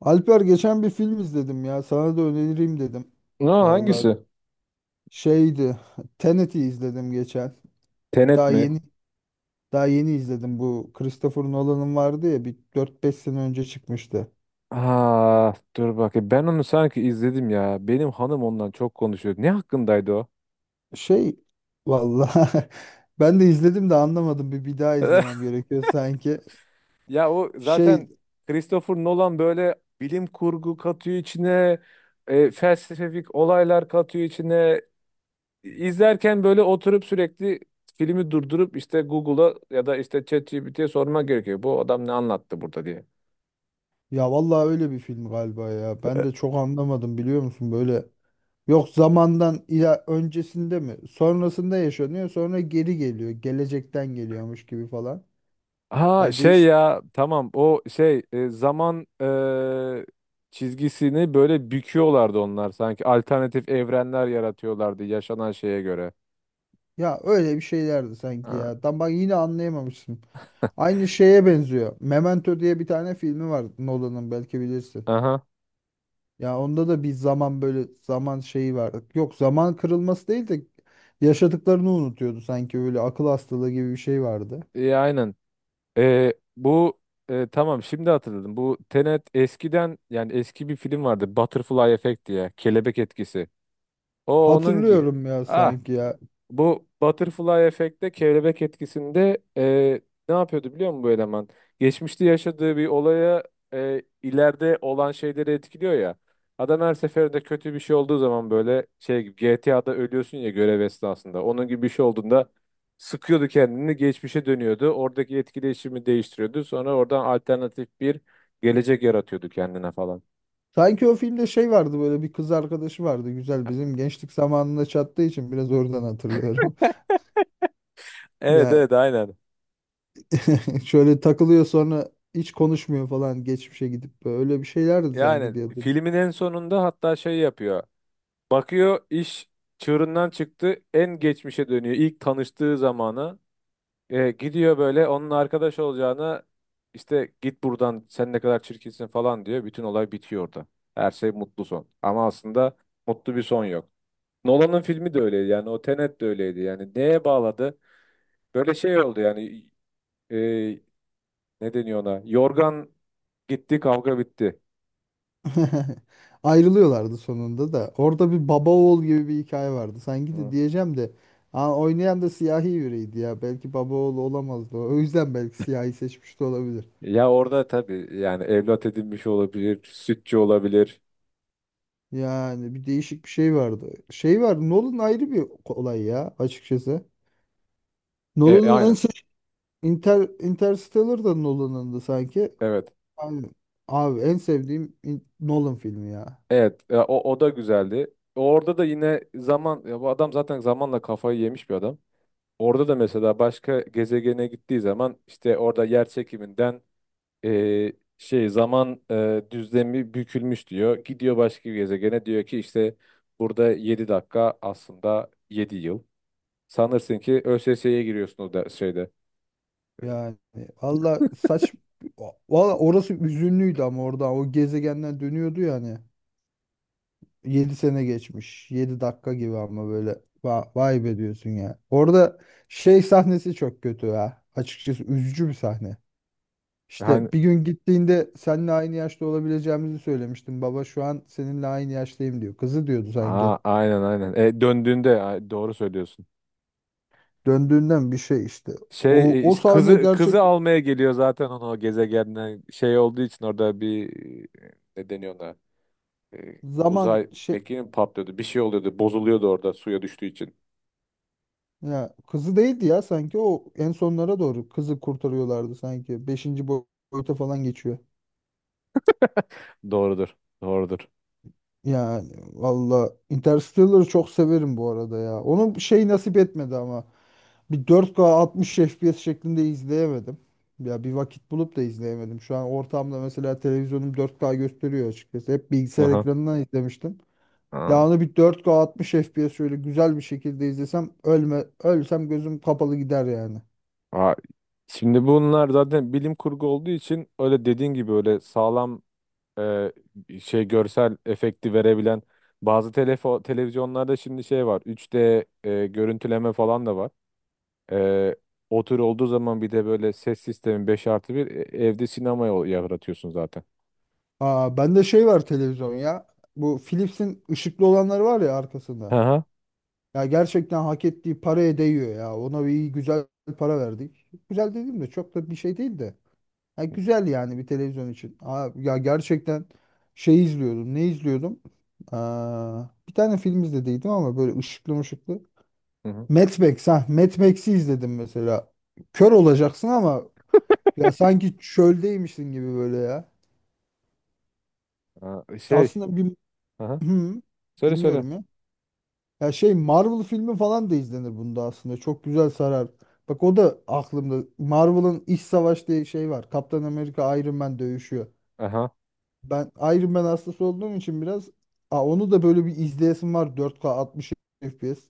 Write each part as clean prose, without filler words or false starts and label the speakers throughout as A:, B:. A: Alper, geçen bir film izledim ya. Sana da önereyim dedim.
B: Ne,
A: Vallahi
B: hangisi?
A: şeydi. Tenet'i izledim geçen.
B: Tenet
A: Daha
B: mi?
A: yeni daha yeni izledim. Bu Christopher Nolan'ın vardı ya, bir dört beş sene önce çıkmıştı.
B: Aa, dur bakayım. Ben onu sanki izledim ya. Benim hanım ondan çok konuşuyor. Ne hakkındaydı o?
A: Şey Vallahi ben de izledim de anlamadım. Bir daha izlemem gerekiyor sanki.
B: Ya o
A: Şey
B: zaten Christopher Nolan böyle bilim kurgu katıyor içine, felsefik olaylar katıyor içine. İzlerken böyle oturup sürekli filmi durdurup işte Google'a ya da işte ChatGPT'ye sorma gerekiyor. Bu adam ne anlattı burada diye.
A: Ya vallahi öyle bir film galiba ya. Ben de çok anlamadım, biliyor musun, böyle. Yok, zamandan ila öncesinde mi? Sonrasında yaşanıyor. Sonra geri geliyor. Gelecekten geliyormuş gibi falan.
B: Ha
A: Ya
B: şey
A: değiş
B: ya, tamam o şey zaman çizgisini böyle büküyorlardı onlar, sanki alternatif evrenler yaratıyorlardı yaşanan şeye göre.
A: Ya öyle bir şeylerdi sanki
B: Ha,
A: ya. Tam bak, yine anlayamamışsın. Aynı şeye benziyor. Memento diye bir tane filmi var Nolan'ın, belki bilirsin.
B: aha.
A: Ya onda da bir zaman, böyle zaman şeyi vardı. Yok, zaman kırılması değil de yaşadıklarını unutuyordu sanki, böyle akıl hastalığı gibi bir şey vardı.
B: E, aynen. E, bu tamam, şimdi hatırladım bu Tenet eskiden, yani eski bir film vardı Butterfly Effect diye, kelebek etkisi, o onun gibi.
A: Hatırlıyorum ya
B: Ah,
A: sanki ya.
B: bu butterfly efekte, kelebek etkisinde, ne yapıyordu biliyor musun bu eleman? Geçmişte yaşadığı bir olaya ileride olan şeyleri etkiliyor ya. Adam her seferinde kötü bir şey olduğu zaman, böyle şey gibi, GTA'da ölüyorsun ya görev esnasında. Onun gibi bir şey olduğunda sıkıyordu kendini, geçmişe dönüyordu. Oradaki etkileşimi değiştiriyordu. Sonra oradan alternatif bir gelecek yaratıyordu kendine falan.
A: Sanki o filmde şey vardı, böyle bir kız arkadaşı vardı güzel, bizim gençlik zamanında çattığı için biraz oradan hatırlıyorum.
B: Evet
A: Ya,
B: evet, aynen.
A: şöyle takılıyor sonra hiç konuşmuyor falan, geçmişe gidip böyle bir şeylerdi sanki
B: Yani
A: diye hatırlıyorum.
B: filmin en sonunda hatta şey yapıyor. Bakıyor iş çığırından çıktı, en geçmişe dönüyor, ilk tanıştığı zamana. E, gidiyor böyle, onun arkadaş olacağına işte git buradan sen ne kadar çirkinsin falan diyor, bütün olay bitiyor orada. Her şey mutlu son, ama aslında mutlu bir son yok. Nolan'ın filmi de öyleydi yani, o Tenet de öyleydi yani. Neye bağladı, böyle şey oldu yani, e, ne deniyor ona, yorgan gitti kavga bitti.
A: Ayrılıyorlardı sonunda da. Orada bir baba oğul gibi bir hikaye vardı. Sanki de
B: Hı.
A: diyeceğim de, aa, oynayan da siyahi biriydi ya. Belki baba oğlu olamazdı. O yüzden belki siyahi seçmiş de olabilir.
B: Ya orada tabii, yani evlat edinmiş olabilir, sütçü olabilir.
A: Yani bir değişik bir şey vardı. Şey vardı. Nolan ayrı bir olay ya, açıkçası. Nolan'ın en
B: Aynen.
A: sev Interstellar da Nolan'ındı sanki.
B: Evet.
A: Abi, abi, en sevdiğim Nolan filmi ya.
B: Evet. Ya o, o da güzeldi. Orada da yine zaman, ya bu adam zaten zamanla kafayı yemiş bir adam. Orada da mesela başka gezegene gittiği zaman, işte orada yer çekiminden, e, şey zaman düzlemi bükülmüş diyor. Gidiyor başka bir gezegene, diyor ki işte burada 7 dakika aslında 7 yıl. Sanırsın ki ÖSS'ye giriyorsun o da şeyde.
A: Yani valla saç valla orası üzünlüydü, ama orada o gezegenden dönüyordu yani. 7 sene geçmiş, 7 dakika gibi, ama böyle vay be diyorsun ya. Orada şey sahnesi çok kötü ya. Açıkçası üzücü bir sahne.
B: Hani
A: İşte bir gün gittiğinde seninle aynı yaşta olabileceğimizi söylemiştim. Baba, şu an seninle aynı yaştayım diyor. Kızı diyordu sanki.
B: a- aynen aynen. E, döndüğünde a- doğru söylüyorsun.
A: Döndüğünden bir şey işte.
B: Şey
A: O
B: işte
A: sahne
B: kızı
A: gerçek
B: kızı almaya geliyor zaten, onu o gezegenden, şey olduğu için orada bir ne deniyor ona. E,
A: zaman
B: uzay
A: şey,
B: mekiği mi patlıyordu, bir şey oluyordu, bozuluyordu orada suya düştüğü için.
A: ya kızı değildi ya sanki, o en sonlara doğru kızı kurtarıyorlardı sanki. Beşinci boyuta falan geçiyor.
B: Doğrudur. Doğrudur.
A: Yani valla Interstellar'ı çok severim bu arada ya. Onun şey nasip etmedi ama. Bir 4K 60 FPS şeklinde izleyemedim. Ya bir vakit bulup da izleyemedim. Şu an ortamda mesela televizyonum 4K gösteriyor açıkçası. Hep bilgisayar
B: Aha.
A: ekranından izlemiştim.
B: Aa.
A: Ya onu bir 4K 60 FPS şöyle güzel bir şekilde izlesem, ölsem gözüm kapalı gider yani.
B: Aa, şimdi bunlar zaten bilim kurgu olduğu için, öyle dediğin gibi öyle sağlam e, şey görsel efekti verebilen bazı televizyonlarda şimdi şey var, 3D görüntüleme falan da var. Ee, O tür olduğu zaman, bir de böyle ses sistemi 5 artı bir, evde sinema yaratıyorsun zaten.
A: Aa, bende şey var televizyon ya. Bu Philips'in ışıklı olanları var ya,
B: Hı
A: arkasında.
B: hı.
A: Ya gerçekten hak ettiği paraya değiyor ya. Ona bir iyi, güzel para verdik. Güzel dediğim de çok da bir şey değil de. Ya güzel yani bir televizyon için. Aa, ya gerçekten şey izliyordum. Ne izliyordum? Aa, bir tane film izlediydim ama böyle ışıklı mışıklı.
B: Hı hı.
A: Mad Max ha. Mad Max'i izledim mesela. Kör olacaksın ama ya sanki çöldeymişsin gibi böyle ya.
B: Aa, şey.
A: Aslında bir.
B: Hı hı.
A: Hı,
B: Söyle söyle.
A: dinliyorum ya. Ya şey Marvel filmi falan da izlenir bunda aslında. Çok güzel sarar. Bak, o da aklımda. Marvel'ın İç Savaş diye şey var. Kaptan Amerika Iron Man dövüşüyor.
B: Aha.
A: Ben Iron Man hastası olduğum için biraz, aa, onu da böyle bir izleyesim var 4K 60 FPS.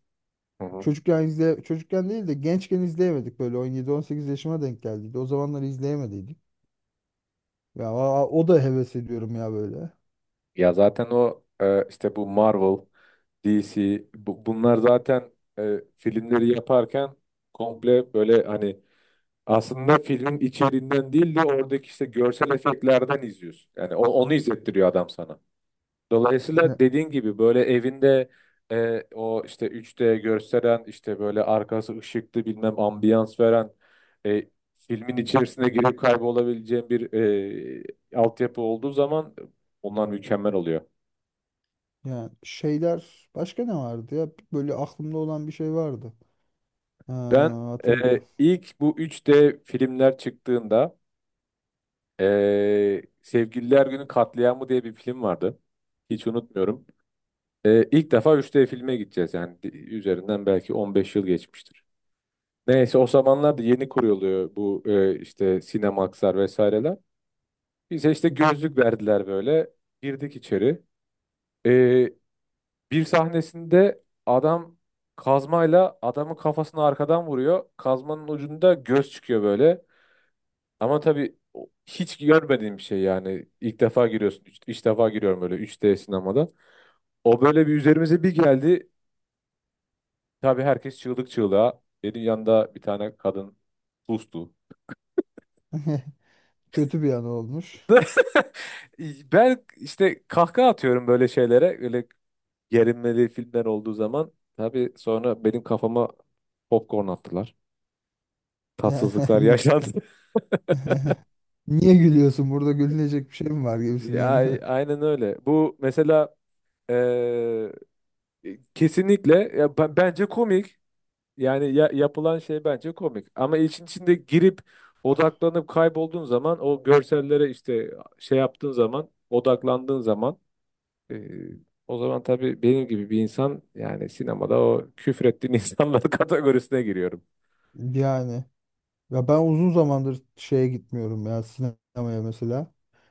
B: Hı hı.
A: Çocukken değil de gençken izleyemedik, böyle 17-18 yaşıma denk geldiydi. O zamanlar izleyemediydik. Ya aa, o da heves ediyorum ya böyle.
B: Ya zaten o işte bu Marvel, DC bunlar zaten filmleri yaparken komple böyle, hani aslında filmin içeriğinden değil de oradaki işte görsel efektlerden izliyorsun. Yani onu izlettiriyor adam sana.
A: Ya,
B: Dolayısıyla dediğin gibi böyle evinde o işte 3D gösteren, işte böyle arkası ışıklı bilmem ambiyans veren, e, filmin içerisine girip kaybolabileceğin bir altyapı olduğu zaman onlar mükemmel oluyor.
A: ya şeyler başka ne vardı ya? Böyle aklımda olan bir şey vardı. Ha,
B: Ben e,
A: hatırl
B: ilk bu 3D filmler çıktığında Sevgililer Günü Katliamı diye bir film vardı. Hiç unutmuyorum. E, ilk defa 3D filme gideceğiz, yani üzerinden belki 15 yıl geçmiştir. Neyse, o zamanlar da yeni kuruluyor bu, işte Cinemax'lar vesaireler. Bize işte gözlük verdiler böyle. Girdik içeri. E, bir sahnesinde adam kazmayla adamın kafasını arkadan vuruyor. Kazmanın ucunda göz çıkıyor böyle. Ama tabii hiç görmediğim bir şey yani. İlk defa giriyorsun. İlk defa giriyorum böyle 3D sinemada. O böyle bir üzerimize bir geldi. Tabii herkes çığlık çığlığa. Benim yanında bir tane kadın sustu.
A: Kötü bir an olmuş.
B: Ben işte kahkaha atıyorum böyle şeylere. Öyle gerilmeli filmler olduğu zaman. Tabii sonra benim kafama popcorn attılar. Tatsızlıklar
A: Yani,
B: yaşandı.
A: niye gülüyorsun? Burada gülünecek bir şey mi var
B: Ya,
A: gibisinden.
B: aynen öyle. Bu mesela eee, kesinlikle ya, bence komik. Yani yapılan şey bence komik. Ama işin içinde girip odaklanıp kaybolduğun zaman o görsellere, işte şey yaptığın zaman, odaklandığın zaman, Ee, o zaman tabii benim gibi bir insan yani sinemada o küfrettiğin insanlar kategorisine giriyorum.
A: Yani ya ben uzun zamandır şeye gitmiyorum ya, sinemaya mesela.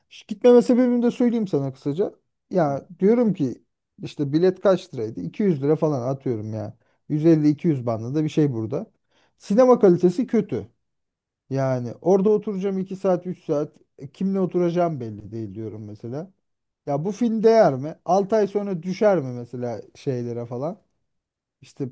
A: Gitmeme sebebimi de söyleyeyim sana kısaca.
B: Hı.
A: Ya diyorum ki, işte bilet kaç liraydı? 200 lira falan atıyorum ya. 150-200 bandında bir şey burada. Sinema kalitesi kötü. Yani orada oturacağım 2 saat, 3 saat. E, kimle oturacağım belli değil diyorum mesela. Ya bu film değer mi? 6 ay sonra düşer mi mesela şeylere falan? İşte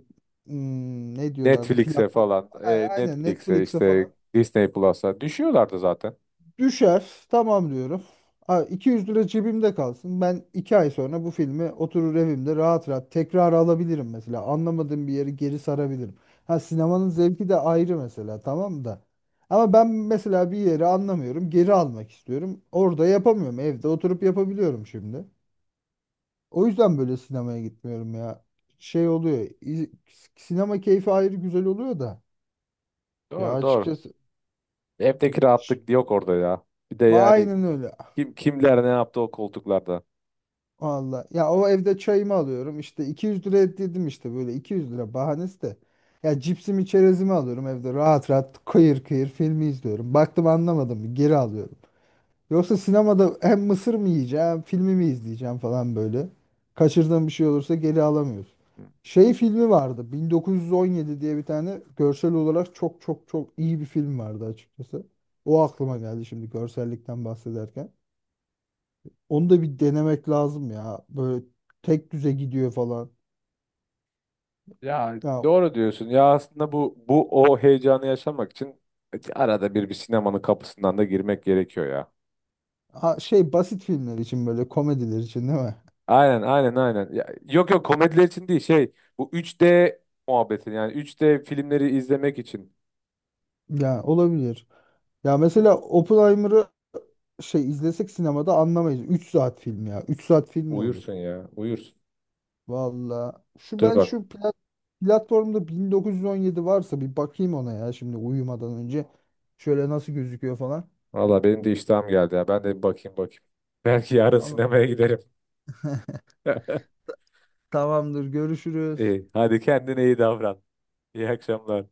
A: ne diyorlardı?
B: Netflix'e
A: Platform.
B: falan,
A: Aynen
B: Netflix'e
A: Netflix'e falan.
B: işte Disney Plus'a düşüyorlardı zaten.
A: Düşer. Tamam diyorum. Ha, 200 lira cebimde kalsın. Ben 2 ay sonra bu filmi oturur evimde rahat rahat tekrar alabilirim mesela. Anlamadığım bir yeri geri sarabilirim. Ha, sinemanın zevki de ayrı mesela, tamam da. Ama ben mesela bir yeri anlamıyorum. Geri almak istiyorum. Orada yapamıyorum. Evde oturup yapabiliyorum şimdi. O yüzden böyle sinemaya gitmiyorum ya. Şey oluyor. Sinema keyfi ayrı güzel oluyor da. Ya
B: Doğru doğru.
A: açıkçası,
B: Evdeki
A: ş-
B: rahatlık yok orada ya. Bir de yani
A: aynen öyle.
B: kim kimler ne yaptı o koltuklarda.
A: Valla. Ya, o evde çayımı alıyorum. İşte 200 lira dedim işte, böyle 200 lira bahanesi de. Ya cipsimi, çerezimi alıyorum evde rahat rahat kıyır kıyır filmi izliyorum. Baktım anlamadım geri alıyorum. Yoksa sinemada hem mısır mı yiyeceğim, filmi mi izleyeceğim falan böyle. Kaçırdığım bir şey olursa geri alamıyoruz. Şey filmi vardı. 1917 diye bir tane görsel olarak çok çok çok iyi bir film vardı, açıkçası. O aklıma geldi şimdi görsellikten bahsederken. Onu da bir denemek lazım ya. Böyle tek düze gidiyor falan.
B: Ya
A: Ya
B: doğru diyorsun. Ya aslında bu o heyecanı yaşamak için arada bir sinemanın kapısından da girmek gerekiyor ya.
A: şey basit filmler için, böyle komediler için değil mi?
B: Aynen aynen aynen. Ya, yok yok, komediler için değil şey, bu 3D muhabbeti, yani 3D filmleri izlemek için.
A: Ya olabilir. Ya
B: Dur,
A: mesela Oppenheimer'ı şey izlesek sinemada anlamayız. 3 saat film ya. 3 saat film mi
B: uyursun
A: olur?
B: ya uyursun.
A: Valla. Şu
B: Dur
A: ben
B: bak,
A: şu platformda 1917 varsa bir bakayım ona ya, şimdi uyumadan önce. Şöyle nasıl gözüküyor falan.
B: valla benim de iştahım geldi ya, ben de bir bakayım bakayım. Belki yarın
A: Tamam,
B: sinemaya giderim.
A: tamamdır. Görüşürüz.
B: İyi, hadi kendine iyi davran. İyi akşamlar.